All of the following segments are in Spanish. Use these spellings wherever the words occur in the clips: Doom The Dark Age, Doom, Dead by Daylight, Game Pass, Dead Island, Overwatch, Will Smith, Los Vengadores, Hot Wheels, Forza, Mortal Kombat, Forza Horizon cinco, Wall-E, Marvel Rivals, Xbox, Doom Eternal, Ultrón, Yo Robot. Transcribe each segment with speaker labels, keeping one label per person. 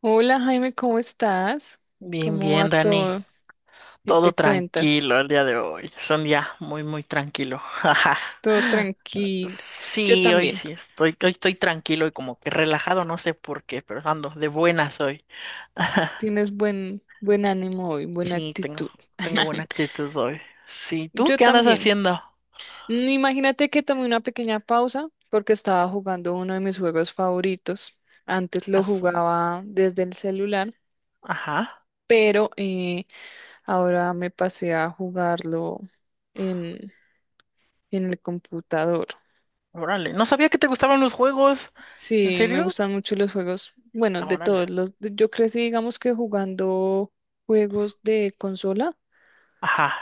Speaker 1: Hola Jaime, ¿cómo estás?
Speaker 2: Bien,
Speaker 1: ¿Cómo va
Speaker 2: bien, Dani.
Speaker 1: todo? ¿Qué
Speaker 2: Todo
Speaker 1: te cuentas?
Speaker 2: tranquilo el día de hoy. Es un día muy, muy tranquilo.
Speaker 1: Todo tranquilo. Yo
Speaker 2: Sí,
Speaker 1: también.
Speaker 2: hoy estoy tranquilo y como que relajado, no sé por qué, pero ando de buenas hoy.
Speaker 1: Tienes buen ánimo hoy, buena
Speaker 2: Sí,
Speaker 1: actitud.
Speaker 2: tengo buena actitud hoy. Sí, ¿tú
Speaker 1: Yo
Speaker 2: qué andas
Speaker 1: también.
Speaker 2: haciendo?
Speaker 1: Imagínate que tomé una pequeña pausa porque estaba jugando uno de mis juegos favoritos. Antes lo
Speaker 2: As-
Speaker 1: jugaba desde el celular,
Speaker 2: Ajá,
Speaker 1: pero ahora me pasé a jugarlo en, en el computador.
Speaker 2: órale. No sabía que te gustaban los juegos. ¿En
Speaker 1: Sí, me
Speaker 2: serio?
Speaker 1: gustan mucho los juegos, bueno,
Speaker 2: Ah,
Speaker 1: de
Speaker 2: órale.
Speaker 1: todos los, yo crecí, digamos que jugando juegos de consola,
Speaker 2: Ajá,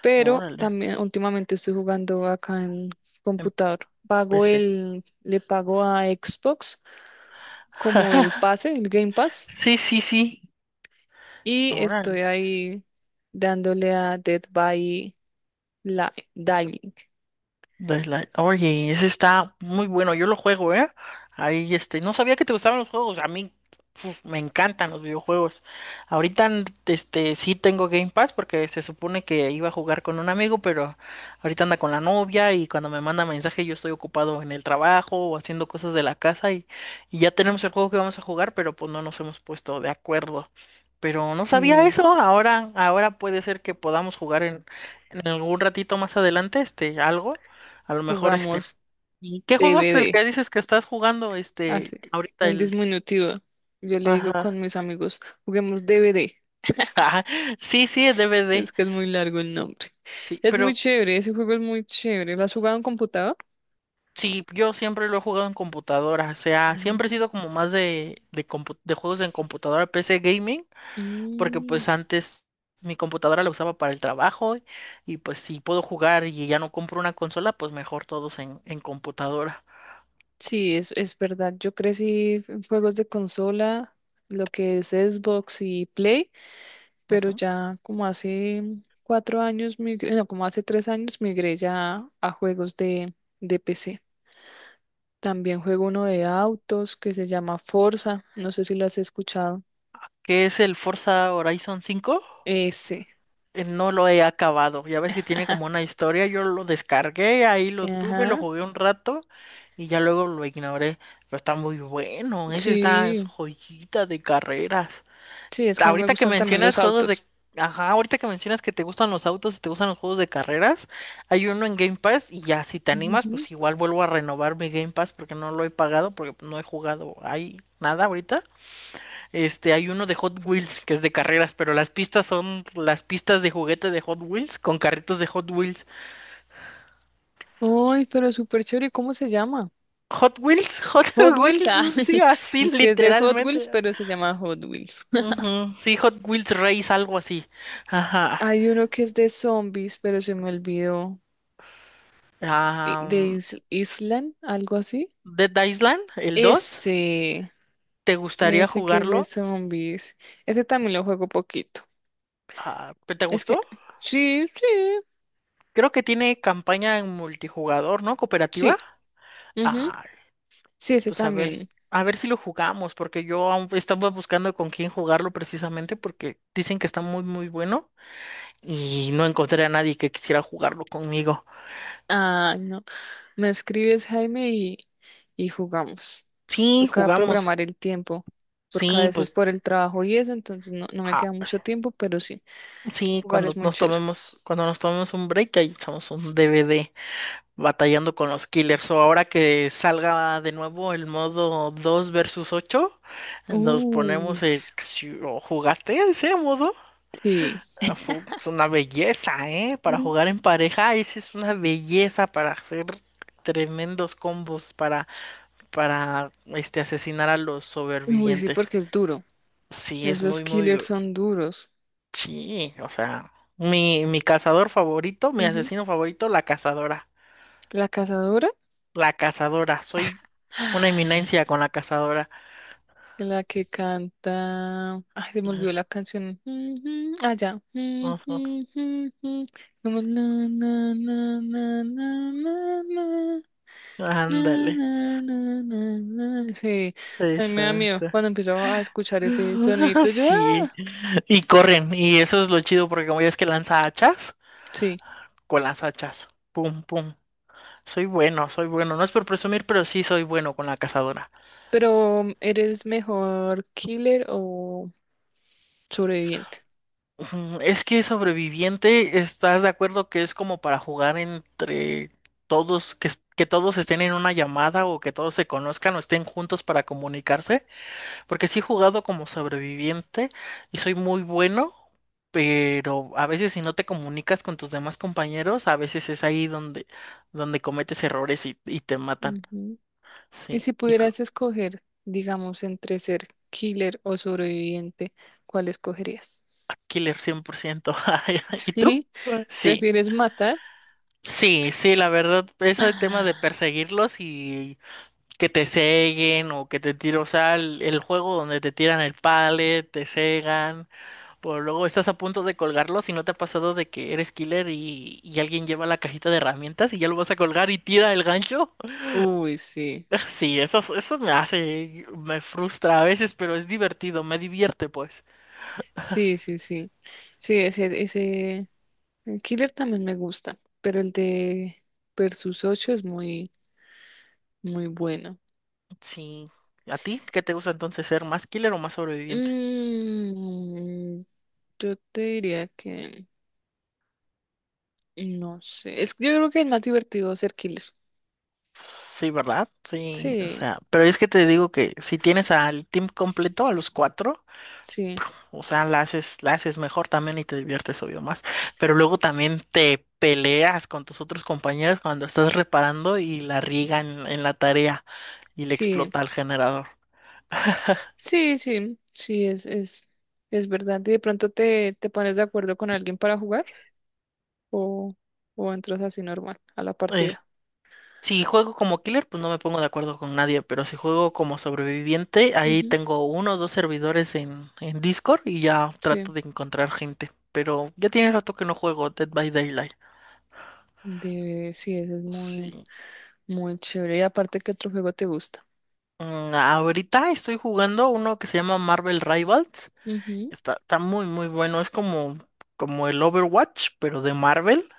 Speaker 1: pero
Speaker 2: órale.
Speaker 1: también últimamente estoy jugando acá en computador.
Speaker 2: Empecé.
Speaker 1: Le pago a Xbox como el pase, el Game Pass,
Speaker 2: Sí, sí, sí.
Speaker 1: y
Speaker 2: Órale.
Speaker 1: estoy ahí dándole a Dead by Diving.
Speaker 2: Daylight. Oye, ese está muy bueno, yo lo juego, ¿eh? Ahí, este, no sabía que te gustaban los juegos, a mí uf, me encantan los videojuegos. Ahorita, este, sí tengo Game Pass porque se supone que iba a jugar con un amigo, pero ahorita anda con la novia y cuando me manda mensaje yo estoy ocupado en el trabajo o haciendo cosas de la casa y, ya tenemos el juego que vamos a jugar, pero pues no nos hemos puesto de acuerdo. Pero no sabía
Speaker 1: Y
Speaker 2: eso, ahora puede ser que podamos jugar en algún ratito más adelante, este, algo. A lo mejor este.
Speaker 1: jugamos
Speaker 2: ¿Y qué juego es el
Speaker 1: DVD,
Speaker 2: que dices que estás jugando, este,
Speaker 1: así,
Speaker 2: ahorita,
Speaker 1: en
Speaker 2: el?
Speaker 1: disminutivo. Yo le digo
Speaker 2: Ajá.
Speaker 1: con mis amigos, juguemos DVD.
Speaker 2: Ajá. sí, sí, el DVD.
Speaker 1: Es que es muy largo el nombre.
Speaker 2: Sí,
Speaker 1: Es muy
Speaker 2: pero
Speaker 1: chévere, ese juego es muy chévere. ¿Lo has jugado en computador?
Speaker 2: sí, yo siempre lo he jugado en computadora, o sea, siempre he
Speaker 1: Mm.
Speaker 2: sido como más de juegos en computadora, PC gaming, porque
Speaker 1: Mm,
Speaker 2: pues antes mi computadora la usaba para el trabajo y pues si puedo jugar y ya no compro una consola, pues mejor todos en computadora.
Speaker 1: sí, es verdad. Yo crecí en juegos de consola, lo que es Xbox y Play, pero
Speaker 2: Ujú.
Speaker 1: ya como hace 4 años, no, como hace 3 años, migré ya a juegos de PC. También juego uno de autos que se llama Forza. No sé si lo has escuchado.
Speaker 2: ¿Qué es el Forza Horizon 5?
Speaker 1: Ese.
Speaker 2: No lo he acabado. Ya ves que tiene como una historia. Yo lo descargué, ahí lo tuve, lo
Speaker 1: Ajá.
Speaker 2: jugué un rato y ya luego lo ignoré. Pero está muy bueno. Ese está es
Speaker 1: Sí.
Speaker 2: joyita de carreras.
Speaker 1: Sí, es que no me
Speaker 2: Ahorita que
Speaker 1: gustan también
Speaker 2: mencionas
Speaker 1: los
Speaker 2: juegos de.
Speaker 1: autos.
Speaker 2: Ajá, ahorita que mencionas que te gustan los autos y te gustan los juegos de carreras, hay uno en Game Pass y ya si te animas,
Speaker 1: Ujú.
Speaker 2: pues igual vuelvo a renovar mi Game Pass porque no lo he pagado, porque no he jugado ahí nada ahorita. Este, hay uno de Hot Wheels que es de carreras, pero las pistas son las pistas de juguete de Hot Wheels con carritos de Hot Wheels.
Speaker 1: Ay, pero súper chévere, ¿cómo se llama?
Speaker 2: Hot Wheels, Hot
Speaker 1: Hot Wheels, ah,
Speaker 2: Wheels, sí, así
Speaker 1: es que es de Hot Wheels,
Speaker 2: literalmente.
Speaker 1: pero se llama Hot Wheels.
Speaker 2: Ujú. Sí, Hot Wheels Race, algo así. Ajá.
Speaker 1: Hay uno que es de zombies, pero se me olvidó, de
Speaker 2: Am,
Speaker 1: Island, algo así.
Speaker 2: Dead Island, el 2,
Speaker 1: Ese,
Speaker 2: ¿te gustaría
Speaker 1: ese que es de
Speaker 2: jugarlo?
Speaker 1: zombies, ese también lo juego poquito.
Speaker 2: Ah, ¿te
Speaker 1: Es que,
Speaker 2: gustó?
Speaker 1: sí, sí,
Speaker 2: Creo que tiene campaña en multijugador, ¿no?
Speaker 1: sí,
Speaker 2: Cooperativa.
Speaker 1: ujú,
Speaker 2: Ah,
Speaker 1: sí, ese
Speaker 2: pues
Speaker 1: también.
Speaker 2: a ver si lo jugamos, porque yo aún estaba buscando con quién jugarlo precisamente, porque dicen que está muy, muy bueno y no encontré a nadie que quisiera jugarlo conmigo.
Speaker 1: Ah, no. Me escribes, Jaime, y jugamos.
Speaker 2: Sí,
Speaker 1: Toca
Speaker 2: jugamos.
Speaker 1: programar el tiempo, porque a
Speaker 2: Sí,
Speaker 1: veces
Speaker 2: pues
Speaker 1: por el trabajo y eso, entonces no me queda
Speaker 2: ah,
Speaker 1: mucho tiempo, pero sí,
Speaker 2: sí,
Speaker 1: jugar es muy chévere.
Speaker 2: cuando nos tomemos un break, ahí echamos un DVD batallando con los killers. O ahora que salga de nuevo el modo 2 versus 8, nos
Speaker 1: Uh,
Speaker 2: ponemos el. ¿O ¿Jugaste ese modo?
Speaker 1: sí.
Speaker 2: Ah, es una belleza, ¿eh? Para
Speaker 1: Mm.
Speaker 2: jugar en pareja, esa es una belleza para hacer tremendos combos para, este, asesinar a los
Speaker 1: Uy, sí,
Speaker 2: sobrevivientes.
Speaker 1: porque es duro.
Speaker 2: Sí, es
Speaker 1: Esos
Speaker 2: muy, muy.
Speaker 1: killers son duros.
Speaker 2: Sí, o sea, mi cazador favorito, mi
Speaker 1: Ujú.
Speaker 2: asesino favorito, la cazadora.
Speaker 1: La cazadora.
Speaker 2: La cazadora, soy una eminencia con la cazadora.
Speaker 1: La que canta. Ay, se me olvidó la canción. Ah, ya.
Speaker 2: Ujú.
Speaker 1: Ujú, como na, na, na, na, na, na, na, na,
Speaker 2: Ándale,
Speaker 1: na, na, na, na. Sí, a mí me da miedo
Speaker 2: exacto.
Speaker 1: cuando empiezo a escuchar ese sonidito. Yo,
Speaker 2: Sí,
Speaker 1: ah,
Speaker 2: y corren, y eso es lo chido porque como ya es que lanza hachas,
Speaker 1: sí.
Speaker 2: con las hachas. Pum, pum. Soy bueno, soy bueno. No es por presumir, pero sí soy bueno con la cazadora.
Speaker 1: Pero, ¿eres mejor killer o sobreviviente?
Speaker 2: Ujú. Es que sobreviviente, ¿estás de acuerdo que es como para jugar entre todos, que, que todos estén en una llamada o que todos se conozcan o estén juntos para comunicarse? Porque sí he jugado como sobreviviente y soy muy bueno, pero a veces si no te comunicas con tus demás compañeros, a veces es ahí donde cometes errores y, te matan.
Speaker 1: Ujú. Y
Speaker 2: Sí.
Speaker 1: si pudieras escoger, digamos, entre ser killer o sobreviviente, ¿cuál escogerías?
Speaker 2: Killer 100%. ¿Y tú?
Speaker 1: Sí,
Speaker 2: Sí,
Speaker 1: ¿prefieres matar?
Speaker 2: sí, sí, la verdad, ese tema de
Speaker 1: Ah,
Speaker 2: perseguirlos y que te ceguen o que te tiren, o sea, el juego donde te tiran el pallet, te cegan, o luego estás a punto de colgarlos y no te ha pasado de que eres killer y alguien lleva la cajita de herramientas y ya lo vas a colgar y tira el gancho.
Speaker 1: uy, sí,
Speaker 2: Sí, eso me hace, me frustra a veces, pero es divertido, me divierte pues.
Speaker 1: sí, sí, sí. Sí, el Killer también me gusta, pero el de Versus 8 es muy, muy bueno.
Speaker 2: Sí. ¿A ti qué te gusta entonces ser más killer o más sobreviviente?
Speaker 1: Mm, yo te diría que, no sé, es que yo creo que el más divertido es a ser Killer.
Speaker 2: Sí, ¿verdad? Sí, o
Speaker 1: Sí,
Speaker 2: sea, pero es que te digo que si tienes al team completo, a los cuatro,
Speaker 1: sí,
Speaker 2: o sea, la haces mejor también y te diviertes obvio más. Pero luego también te peleas con tus otros compañeros cuando estás reparando y la riegan en la tarea y le
Speaker 1: sí,
Speaker 2: explota al generador.
Speaker 1: sí, sí, sí, es verdad. Y de pronto te pones de acuerdo con alguien para jugar. o, o entras así normal a la partida.
Speaker 2: Si juego como killer, pues no me pongo de acuerdo con nadie, pero si juego como sobreviviente, ahí
Speaker 1: Ujú.
Speaker 2: tengo uno o dos servidores en Discord y ya trato
Speaker 1: Sí,
Speaker 2: de encontrar gente. Pero ya tiene rato que no juego Dead by Daylight.
Speaker 1: de, sí, eso es muy,
Speaker 2: Sí.
Speaker 1: muy chévere. Y aparte, ¿qué otro juego te gusta?
Speaker 2: Ahorita estoy jugando uno que se llama Marvel Rivals.
Speaker 1: Ujú.
Speaker 2: Está muy, muy bueno. Es como el Overwatch, pero de Marvel.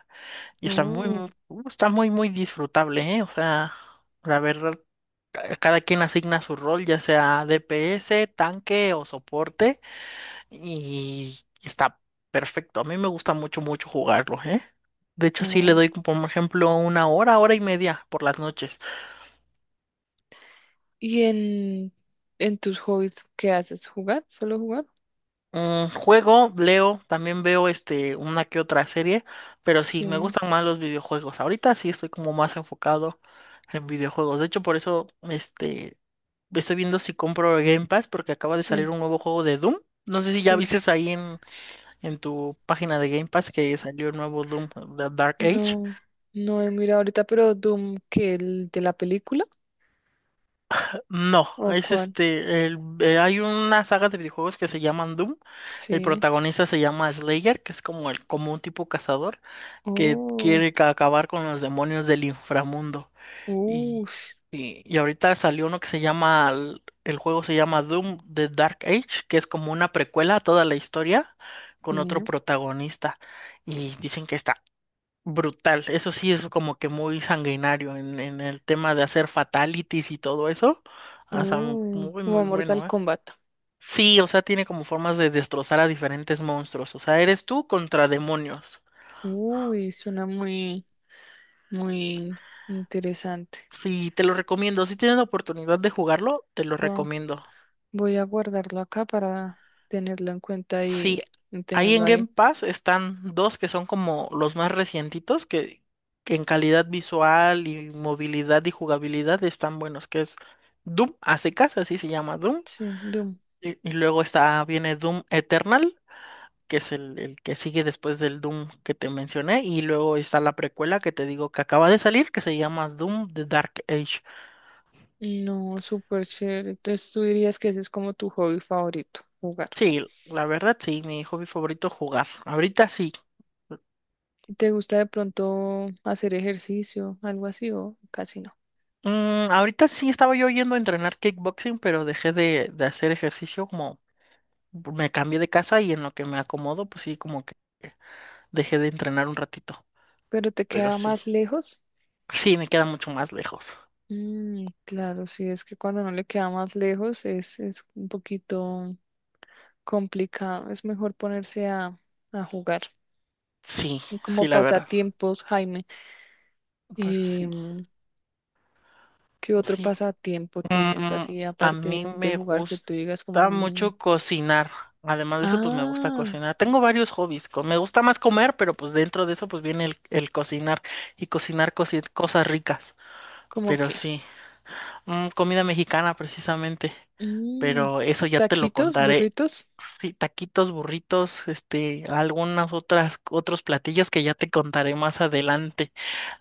Speaker 2: Y
Speaker 1: Oh,
Speaker 2: está muy, muy disfrutable, ¿eh? O sea, la verdad, cada quien asigna su rol, ya sea DPS, tanque o soporte, y está perfecto. A mí me gusta mucho, mucho jugarlo, ¿eh? De hecho, sí le
Speaker 1: oh.
Speaker 2: doy, como, por ejemplo, una hora, hora y media por las noches.
Speaker 1: ¿Y en tus hobbies qué haces? ¿Jugar? ¿Solo jugar?
Speaker 2: Juego, leo, también veo este, una que otra serie, pero sí, me
Speaker 1: Sí,
Speaker 2: gustan más los videojuegos. Ahorita sí estoy como más enfocado en videojuegos. De hecho, por eso este, estoy viendo si compro Game Pass porque acaba de
Speaker 1: sí,
Speaker 2: salir un nuevo juego de Doom. No sé si ya
Speaker 1: sí.
Speaker 2: viste ahí en tu página de Game Pass que salió el nuevo Doom, The Dark Age.
Speaker 1: No, no he mirado ahorita, pero Doom, ¿que el de la película?
Speaker 2: No,
Speaker 1: ¿O
Speaker 2: es
Speaker 1: cuál?
Speaker 2: este, hay una saga de videojuegos que se llaman Doom. El
Speaker 1: Sí.
Speaker 2: protagonista se llama Slayer, que es como un tipo cazador que
Speaker 1: Oh,
Speaker 2: quiere acabar con los demonios del inframundo.
Speaker 1: uh,
Speaker 2: Y, y ahorita salió uno que se llama, el juego se llama Doom, The Dark Age, que es como una precuela a toda la historia con otro
Speaker 1: sí.
Speaker 2: protagonista. Y dicen que está brutal. Eso sí es como que muy sanguinario en el tema de hacer fatalities y todo eso. O sea, muy,
Speaker 1: Como
Speaker 2: muy
Speaker 1: Mortal
Speaker 2: bueno, ¿eh?
Speaker 1: Kombat.
Speaker 2: Sí, o sea, tiene como formas de destrozar a diferentes monstruos. O sea, eres tú contra demonios.
Speaker 1: Uy, suena muy, muy interesante.
Speaker 2: Sí, te lo recomiendo. Si tienes la oportunidad de jugarlo, te lo
Speaker 1: Wow.
Speaker 2: recomiendo.
Speaker 1: Voy a guardarlo acá para tenerlo en cuenta
Speaker 2: Sí,
Speaker 1: y
Speaker 2: ahí
Speaker 1: tenerlo
Speaker 2: en
Speaker 1: ahí.
Speaker 2: Game Pass están dos que son como los más recientitos, que en calidad visual y movilidad y jugabilidad están buenos, que es Doom a secas, así se llama Doom.
Speaker 1: Sí, Doom.
Speaker 2: Y luego viene Doom Eternal, que es el que sigue después del Doom que te mencioné. Y luego está la precuela que te digo que acaba de salir, que se llama Doom The Dark Age.
Speaker 1: No, súper chévere. Entonces tú dirías que ese es como tu hobby favorito, jugar.
Speaker 2: Sí, la verdad, sí, mi hobby favorito jugar. Ahorita sí.
Speaker 1: ¿Y te gusta de pronto hacer ejercicio, algo así o casi no?
Speaker 2: Ahorita sí estaba yo yendo a entrenar kickboxing, pero dejé de hacer ejercicio como me cambié de casa y en lo que me acomodo, pues sí, como que dejé de entrenar un ratito.
Speaker 1: ¿Pero te
Speaker 2: Pero
Speaker 1: queda
Speaker 2: sí,
Speaker 1: más lejos?
Speaker 2: sí, me queda mucho más lejos.
Speaker 1: Claro, sí, es que cuando no le queda más lejos es un poquito complicado. Es mejor ponerse a, jugar.
Speaker 2: Sí,
Speaker 1: Y como
Speaker 2: sí, la verdad.
Speaker 1: pasatiempos, Jaime.
Speaker 2: Pero sí,
Speaker 1: Em, ¿Qué otro
Speaker 2: sí,
Speaker 1: pasatiempo tienes
Speaker 2: Mm,
Speaker 1: así
Speaker 2: a mí
Speaker 1: aparte de
Speaker 2: me
Speaker 1: jugar que tú digas como,
Speaker 2: gusta
Speaker 1: "Mm,
Speaker 2: mucho cocinar. Además de eso, pues me gusta
Speaker 1: ah,
Speaker 2: cocinar. Tengo varios hobbies. Me gusta más comer, pero pues dentro de eso, pues viene el cocinar y cocinar cosas ricas.
Speaker 1: ¿como
Speaker 2: Pero
Speaker 1: qué?
Speaker 2: sí, comida mexicana precisamente.
Speaker 1: Mm,
Speaker 2: Pero eso ya te lo
Speaker 1: Taquitos,
Speaker 2: contaré.
Speaker 1: burritos.
Speaker 2: Sí, taquitos, burritos, este, otros platillos que ya te contaré más adelante.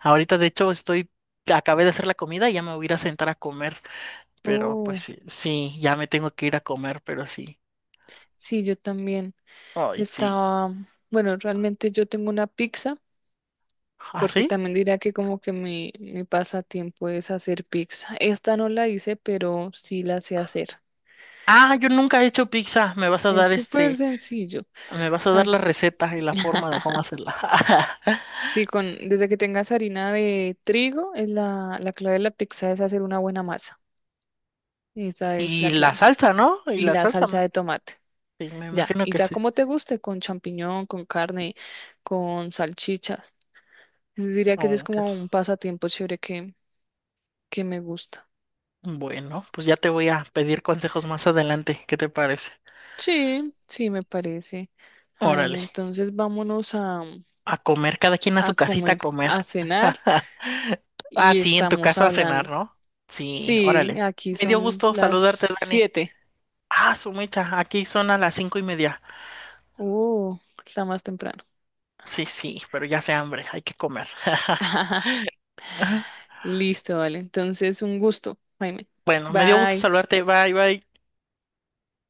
Speaker 2: Ahorita, de hecho, acabé de hacer la comida y ya me voy a ir a sentar a comer. Pero pues
Speaker 1: Oh,
Speaker 2: sí, sí, ya me tengo que ir a comer, pero sí.
Speaker 1: sí, yo también
Speaker 2: Ay, sí.
Speaker 1: estaba, bueno, realmente yo tengo una pizza,
Speaker 2: ¿Ah,
Speaker 1: porque
Speaker 2: sí?
Speaker 1: también diría que como que mi pasatiempo es hacer pizza. Esta no la hice, pero sí la sé hacer.
Speaker 2: Ah, yo nunca he hecho pizza. Me vas a
Speaker 1: Es
Speaker 2: dar
Speaker 1: súper
Speaker 2: este,
Speaker 1: sencillo.
Speaker 2: me vas a dar la
Speaker 1: Aquí.
Speaker 2: receta y la forma de cómo hacerla.
Speaker 1: Sí, desde que tengas harina de trigo, es la clave de la pizza es hacer una buena masa. Esa es la
Speaker 2: Y la
Speaker 1: clave.
Speaker 2: salsa, ¿no? Y
Speaker 1: Y
Speaker 2: la
Speaker 1: la
Speaker 2: salsa,
Speaker 1: salsa de tomate.
Speaker 2: sí, me
Speaker 1: Ya,
Speaker 2: imagino
Speaker 1: y
Speaker 2: que
Speaker 1: ya
Speaker 2: sí.
Speaker 1: como te guste, con champiñón, con carne, con salchichas. Entonces diría que ese es
Speaker 2: Oh,
Speaker 1: como
Speaker 2: ok.
Speaker 1: un pasatiempo chévere que me gusta.
Speaker 2: Bueno, pues ya te voy a pedir consejos más adelante. ¿Qué te parece?
Speaker 1: Sí, sí, me parece. Jaime,
Speaker 2: Órale,
Speaker 1: entonces vámonos a,
Speaker 2: a comer, cada quien a
Speaker 1: a
Speaker 2: su casita
Speaker 1: comer,
Speaker 2: a
Speaker 1: a
Speaker 2: comer.
Speaker 1: cenar
Speaker 2: Ah,
Speaker 1: y
Speaker 2: sí, en tu
Speaker 1: estamos
Speaker 2: caso a cenar,
Speaker 1: hablando.
Speaker 2: ¿no? Sí,
Speaker 1: Sí,
Speaker 2: órale.
Speaker 1: aquí
Speaker 2: Me dio
Speaker 1: son
Speaker 2: gusto
Speaker 1: las
Speaker 2: saludarte, Dani.
Speaker 1: 7.
Speaker 2: Ah, su mecha, aquí son a las 5:30.
Speaker 1: Uh, Está más temprano.
Speaker 2: Sí, sí, pero ya sé hambre, hay que comer.
Speaker 1: Listo, vale. Entonces, un gusto, Jaime.
Speaker 2: Bueno, me dio gusto
Speaker 1: Bye.
Speaker 2: saludarte. Bye, bye.